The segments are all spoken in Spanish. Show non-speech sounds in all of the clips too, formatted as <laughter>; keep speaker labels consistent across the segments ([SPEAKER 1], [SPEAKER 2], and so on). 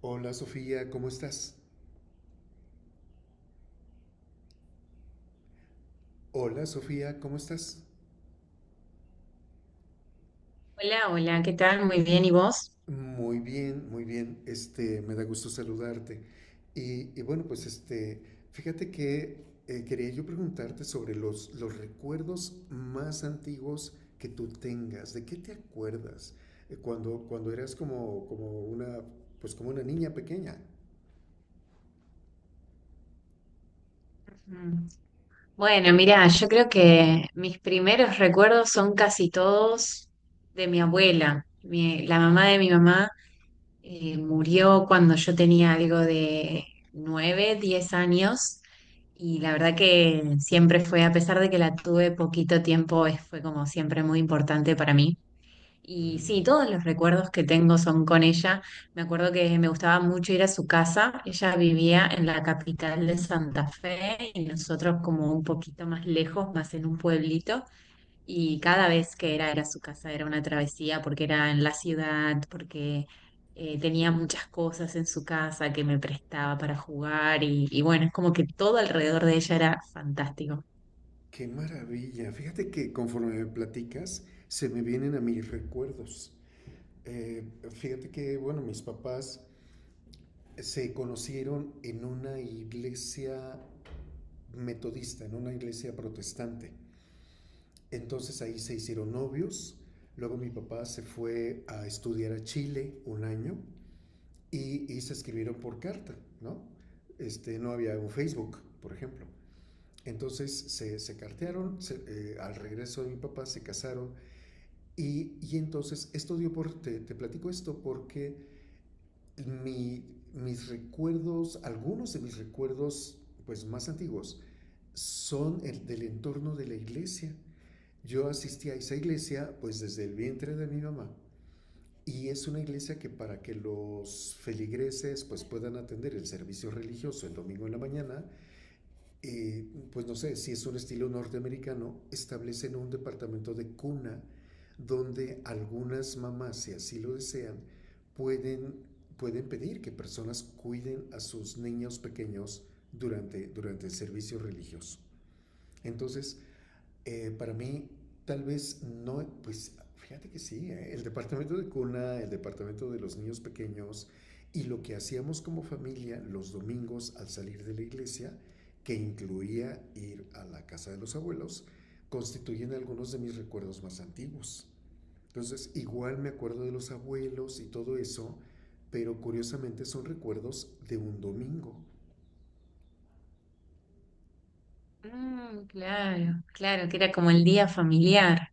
[SPEAKER 1] Hola Sofía, ¿cómo estás? Hola Sofía, ¿cómo estás?
[SPEAKER 2] Hola, hola, ¿qué tal? Muy bien, ¿y vos?
[SPEAKER 1] Muy bien, muy bien. Este, me da gusto saludarte. Y bueno, pues este, fíjate que quería yo preguntarte sobre los recuerdos más antiguos que tú tengas. ¿De qué te acuerdas? Cuando eras como una, pues como una niña pequeña.
[SPEAKER 2] Ujú. Bueno, mira, yo creo que mis primeros recuerdos son casi todos de mi abuela. La mamá de mi mamá murió cuando yo tenía algo de 9, 10 años y la verdad que siempre fue, a pesar de que la tuve poquito tiempo, fue como siempre muy importante para mí. Y
[SPEAKER 1] Mm,
[SPEAKER 2] sí, todos los recuerdos que tengo son con ella. Me acuerdo que me gustaba mucho ir a su casa. Ella vivía en la capital de Santa Fe y nosotros como un poquito más lejos, más en un pueblito. Y cada vez que era su casa, era una travesía porque era en la ciudad, porque tenía muchas cosas en su casa que me prestaba para jugar. Y bueno, es como que todo alrededor de ella era fantástico.
[SPEAKER 1] qué maravilla. Fíjate que conforme me platicas, se me vienen a mis recuerdos. Eh, fíjate que, bueno, mis papás se conocieron en una iglesia metodista, en una iglesia protestante. Entonces ahí se hicieron novios. Luego mi papá se fue a estudiar a Chile un año y se escribieron por carta, ¿no? Este, no había un Facebook, por ejemplo. Entonces se cartearon, al regreso de mi papá se casaron y entonces esto dio te platico esto porque Mi, mis recuerdos, algunos de mis recuerdos pues más antiguos, son el del entorno de la iglesia. Yo asistí a esa iglesia pues desde el vientre de mi mamá y es una iglesia que para que los feligreses pues puedan atender el servicio religioso el domingo en la mañana, eh, pues no sé, si es un estilo norteamericano, establecen un departamento de cuna donde algunas mamás, si así lo desean, pueden, pueden pedir que personas cuiden a sus niños pequeños durante el servicio religioso. Entonces, para mí, tal vez no, pues fíjate que sí, ¿eh? El departamento de cuna, el departamento de los niños pequeños y lo que hacíamos como familia los domingos al salir de la iglesia, que incluía ir a la casa de los abuelos, constituyen algunos de mis recuerdos más antiguos. Entonces, igual me acuerdo de los abuelos y todo eso, pero curiosamente son recuerdos de un domingo.
[SPEAKER 2] Mm, claro, claro, que era como el día familiar.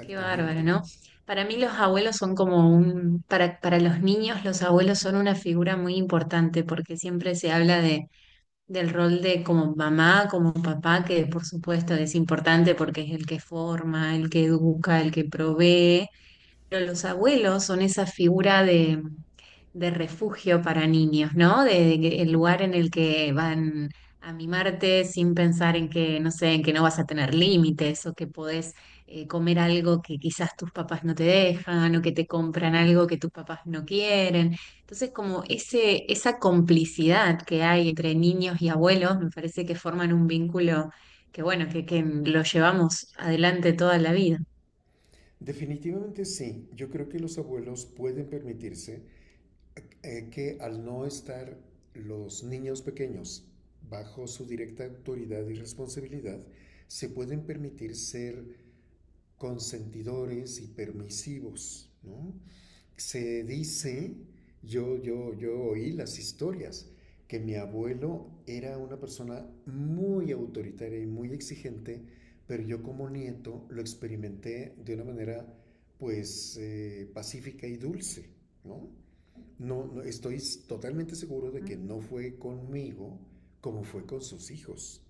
[SPEAKER 2] Qué bárbaro, ¿no? Para mí los abuelos son como para los niños los abuelos son una figura muy importante porque siempre se habla del rol de como mamá, como papá, que por supuesto es importante porque es el que forma, el que educa, el que provee, pero los abuelos son esa figura de refugio para niños, ¿no? De que el lugar en el que van a mimarte sin pensar en que, no sé, en que no vas a tener límites o que podés comer algo que quizás tus papás no te dejan o que te compran algo que tus papás no quieren. Entonces, como esa complicidad que hay entre niños y abuelos, me parece que forman un vínculo que, bueno, que lo llevamos adelante toda la vida.
[SPEAKER 1] Definitivamente sí, yo creo que los abuelos pueden permitirse que al no estar los niños pequeños bajo su directa autoridad y responsabilidad, se pueden permitir ser consentidores y permisivos, ¿no? Se dice, yo oí las historias, que mi abuelo era una persona muy autoritaria y muy exigente, pero yo como nieto lo experimenté de una manera pues pacífica y dulce, ¿no? No, no, estoy totalmente seguro de que no fue conmigo como fue con sus hijos.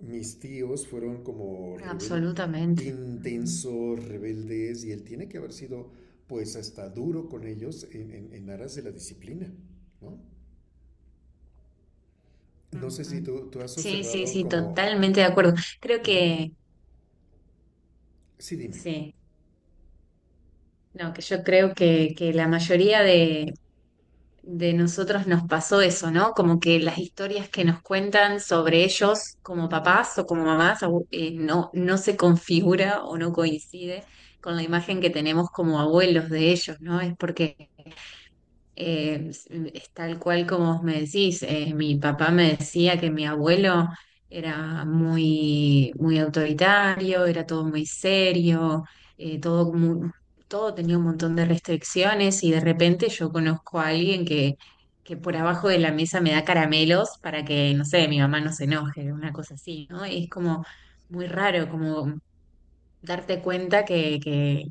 [SPEAKER 1] Mis tíos fueron
[SPEAKER 2] Absolutamente. Ujú,
[SPEAKER 1] intensos, rebeldes, y él tiene que haber sido pues hasta duro con ellos en, en aras de la disciplina, ¿no? No sé si
[SPEAKER 2] ujú.
[SPEAKER 1] tú has
[SPEAKER 2] Sí, sí,
[SPEAKER 1] observado
[SPEAKER 2] sí,
[SPEAKER 1] como...
[SPEAKER 2] totalmente de acuerdo. Creo
[SPEAKER 1] Ujú.
[SPEAKER 2] que
[SPEAKER 1] Sí, dime.
[SPEAKER 2] sí. No, que yo creo que la mayoría de nosotros nos pasó eso, ¿no? Como que las historias que nos cuentan sobre ellos como papás o como mamás no se configura o no coincide con la imagen que tenemos como abuelos de ellos, ¿no? Es porque es tal cual como vos me decís, mi papá me decía que mi abuelo era muy, muy autoritario, era todo muy serio, muy, todo tenía un montón de restricciones y de repente yo conozco a alguien que por abajo de la mesa me da caramelos para que, no sé, mi mamá no se enoje, una cosa así, ¿no? Y es como muy raro, como darte cuenta que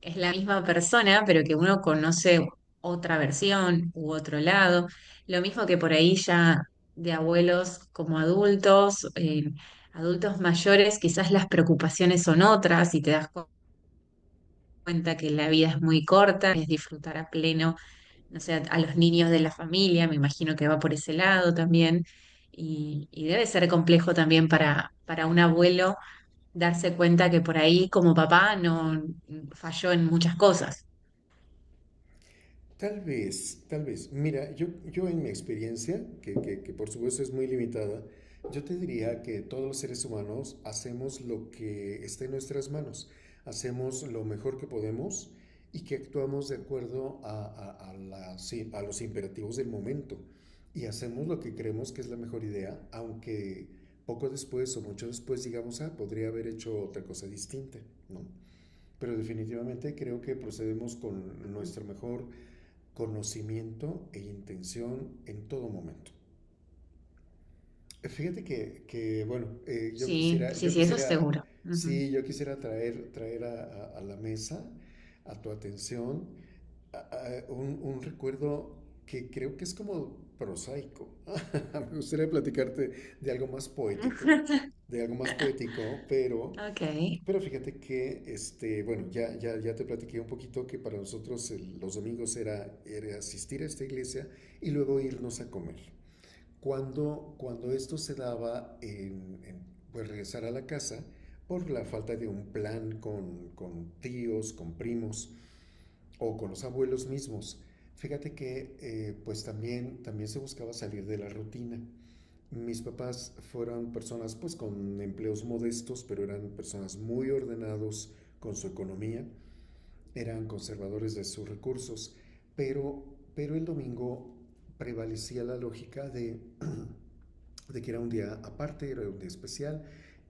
[SPEAKER 2] es la misma persona, pero que uno conoce otra versión u otro lado. Lo mismo que por ahí ya de abuelos como adultos, adultos mayores, quizás las preocupaciones son otras y te das cuenta que la vida es muy corta, es disfrutar a pleno, no sé, a los niños de la familia, me imagino que va por ese lado también, y debe ser complejo también para un abuelo darse cuenta que por ahí como papá no falló en muchas cosas.
[SPEAKER 1] Tal vez, tal vez. Mira, yo en mi experiencia, que por supuesto es muy limitada, yo te diría que todos los seres humanos hacemos lo que está en nuestras manos, hacemos lo mejor que podemos y que actuamos de acuerdo sí, a los imperativos del momento y hacemos lo que creemos que es la mejor idea, aunque poco después o mucho después digamos, ah, podría haber hecho otra cosa distinta, ¿no? Pero definitivamente creo que procedemos con
[SPEAKER 2] Ujú.
[SPEAKER 1] nuestro mejor conocimiento e intención en todo momento. Fíjate que bueno,
[SPEAKER 2] Sí, sí,
[SPEAKER 1] yo
[SPEAKER 2] sí, eso es
[SPEAKER 1] quisiera,
[SPEAKER 2] seguro. Ujú.
[SPEAKER 1] sí, yo quisiera traer, a la mesa, a tu atención, un recuerdo que creo que es como prosaico. <laughs> Me gustaría platicarte de algo más poético,
[SPEAKER 2] <laughs>
[SPEAKER 1] de algo más poético,
[SPEAKER 2] Ok,
[SPEAKER 1] pero fíjate que, este, bueno, ya te platiqué un poquito que para nosotros los domingos era, era asistir a esta iglesia y luego irnos a comer. Cuando esto se daba pues regresar a la casa por la falta de un plan con tíos, con primos o con los abuelos mismos, fíjate que pues también, también se buscaba salir de la rutina. Mis papás fueron personas pues con empleos modestos, pero eran personas muy ordenados con su economía, eran conservadores de sus recursos, pero, pero el domingo prevalecía la lógica de <clears throat> de que era un día aparte, era un día especial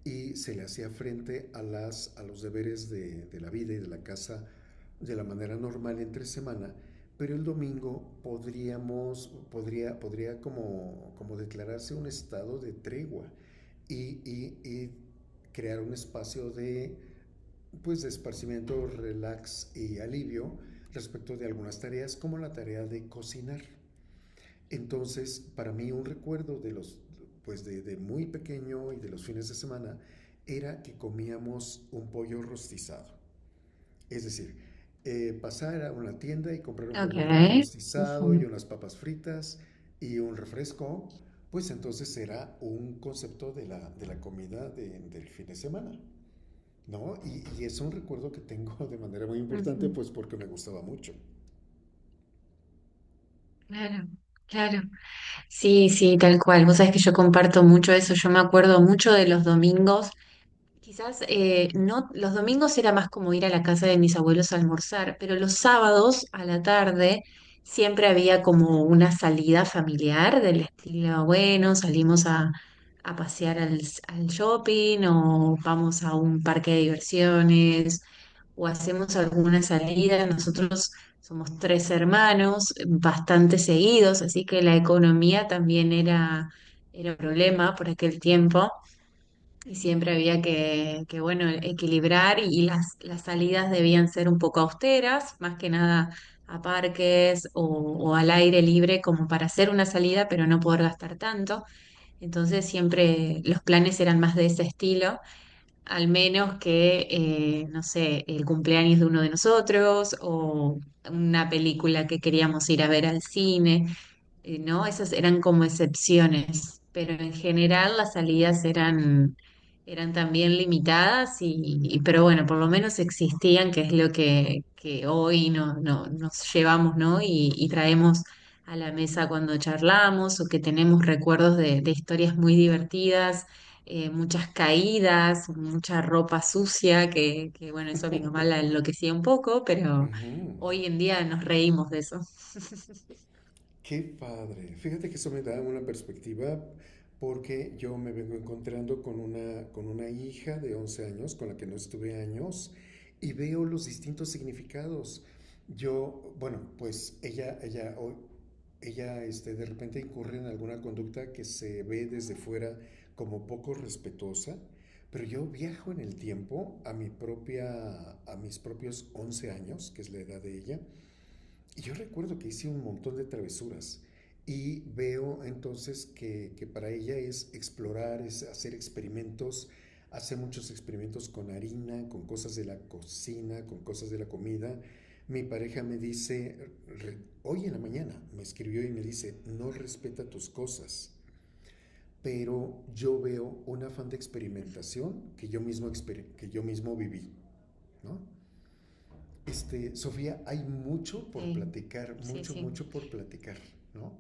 [SPEAKER 1] y se le hacía frente a los deberes de la vida y de la casa de la manera normal entre semana, pero el domingo podría como, como declararse un estado de tregua y crear un espacio de, pues, de esparcimiento, relax y alivio respecto de algunas tareas como la tarea de cocinar. Entonces, para mí un recuerdo de los, pues de muy pequeño y de los fines de semana era que comíamos un pollo rostizado. Es decir, pasar a una tienda y comprar un pollo
[SPEAKER 2] ok.
[SPEAKER 1] rostizado y
[SPEAKER 2] Ujú,
[SPEAKER 1] unas papas fritas y un refresco, pues entonces era un concepto de de la comida del fin de semana, ¿no? Es un recuerdo que tengo <laughs> de manera muy importante,
[SPEAKER 2] ujú.
[SPEAKER 1] pues porque me gustaba mucho.
[SPEAKER 2] Claro, claro. Sí, sí, tal cual. Vos sabés que yo comparto mucho eso. Yo me acuerdo mucho de los domingos. Quizás no, los domingos era más como ir a la casa de mis abuelos a almorzar, pero los sábados a la tarde siempre había como una salida familiar del estilo, bueno, salimos a pasear al shopping o vamos a un parque de diversiones o hacemos alguna salida. Nosotros somos 3 hermanos, bastante seguidos, así que la economía también era un problema por aquel tiempo. Y siempre había bueno, equilibrar y las salidas debían ser un poco austeras, más que nada a parques o al aire libre como para hacer una salida, pero no poder gastar tanto. Entonces siempre los planes eran más de ese estilo, al menos que, no sé, el cumpleaños de uno de nosotros o una película que queríamos ir a ver al cine ¿no? Esas eran como excepciones, pero en general las salidas eran también limitadas pero bueno, por lo menos existían, que es lo que hoy nos llevamos, ¿no? Y traemos a la mesa cuando charlamos o que tenemos recuerdos de historias muy divertidas. Eh, muchas caídas, mucha ropa sucia, que bueno, eso a mi mamá la enloquecía un poco,
[SPEAKER 1] Uh
[SPEAKER 2] pero
[SPEAKER 1] -huh.
[SPEAKER 2] hoy en día nos reímos de eso.
[SPEAKER 1] Qué padre. Fíjate que eso me da una perspectiva porque yo me vengo encontrando con una hija de 11 años con la que no estuve años y veo los distintos significados. Yo, bueno, pues ella este, de repente incurre en alguna conducta que se ve desde fuera como poco respetuosa, pero yo viajo en el tiempo a mi propia, a mis propios 11 años, que es la edad de ella, y yo recuerdo que hice un montón de travesuras y veo entonces que para ella es explorar, es hacer experimentos, hace muchos experimentos con harina, con cosas de la cocina, con cosas de la comida. Mi pareja me dice, hoy en la mañana me escribió y me dice, no respeta tus cosas, pero yo veo un afán de experimentación que yo mismo, que yo mismo viví, ¿no? Este, Sofía, hay mucho por
[SPEAKER 2] Sí,
[SPEAKER 1] platicar,
[SPEAKER 2] sí,
[SPEAKER 1] mucho,
[SPEAKER 2] sí.
[SPEAKER 1] mucho por platicar, ¿no?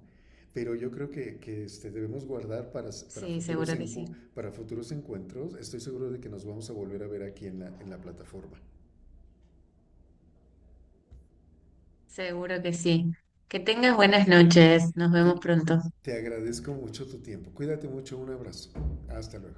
[SPEAKER 1] Pero yo creo que este, debemos guardar
[SPEAKER 2] Sí,
[SPEAKER 1] futuros
[SPEAKER 2] seguro que sí.
[SPEAKER 1] encu para futuros encuentros. Estoy seguro de que nos vamos a volver a ver aquí en en la plataforma.
[SPEAKER 2] Seguro que sí. Que tengas buenas noches. Nos vemos
[SPEAKER 1] Te,
[SPEAKER 2] pronto.
[SPEAKER 1] te agradezco mucho tu tiempo. Cuídate mucho. Un abrazo. Hasta luego.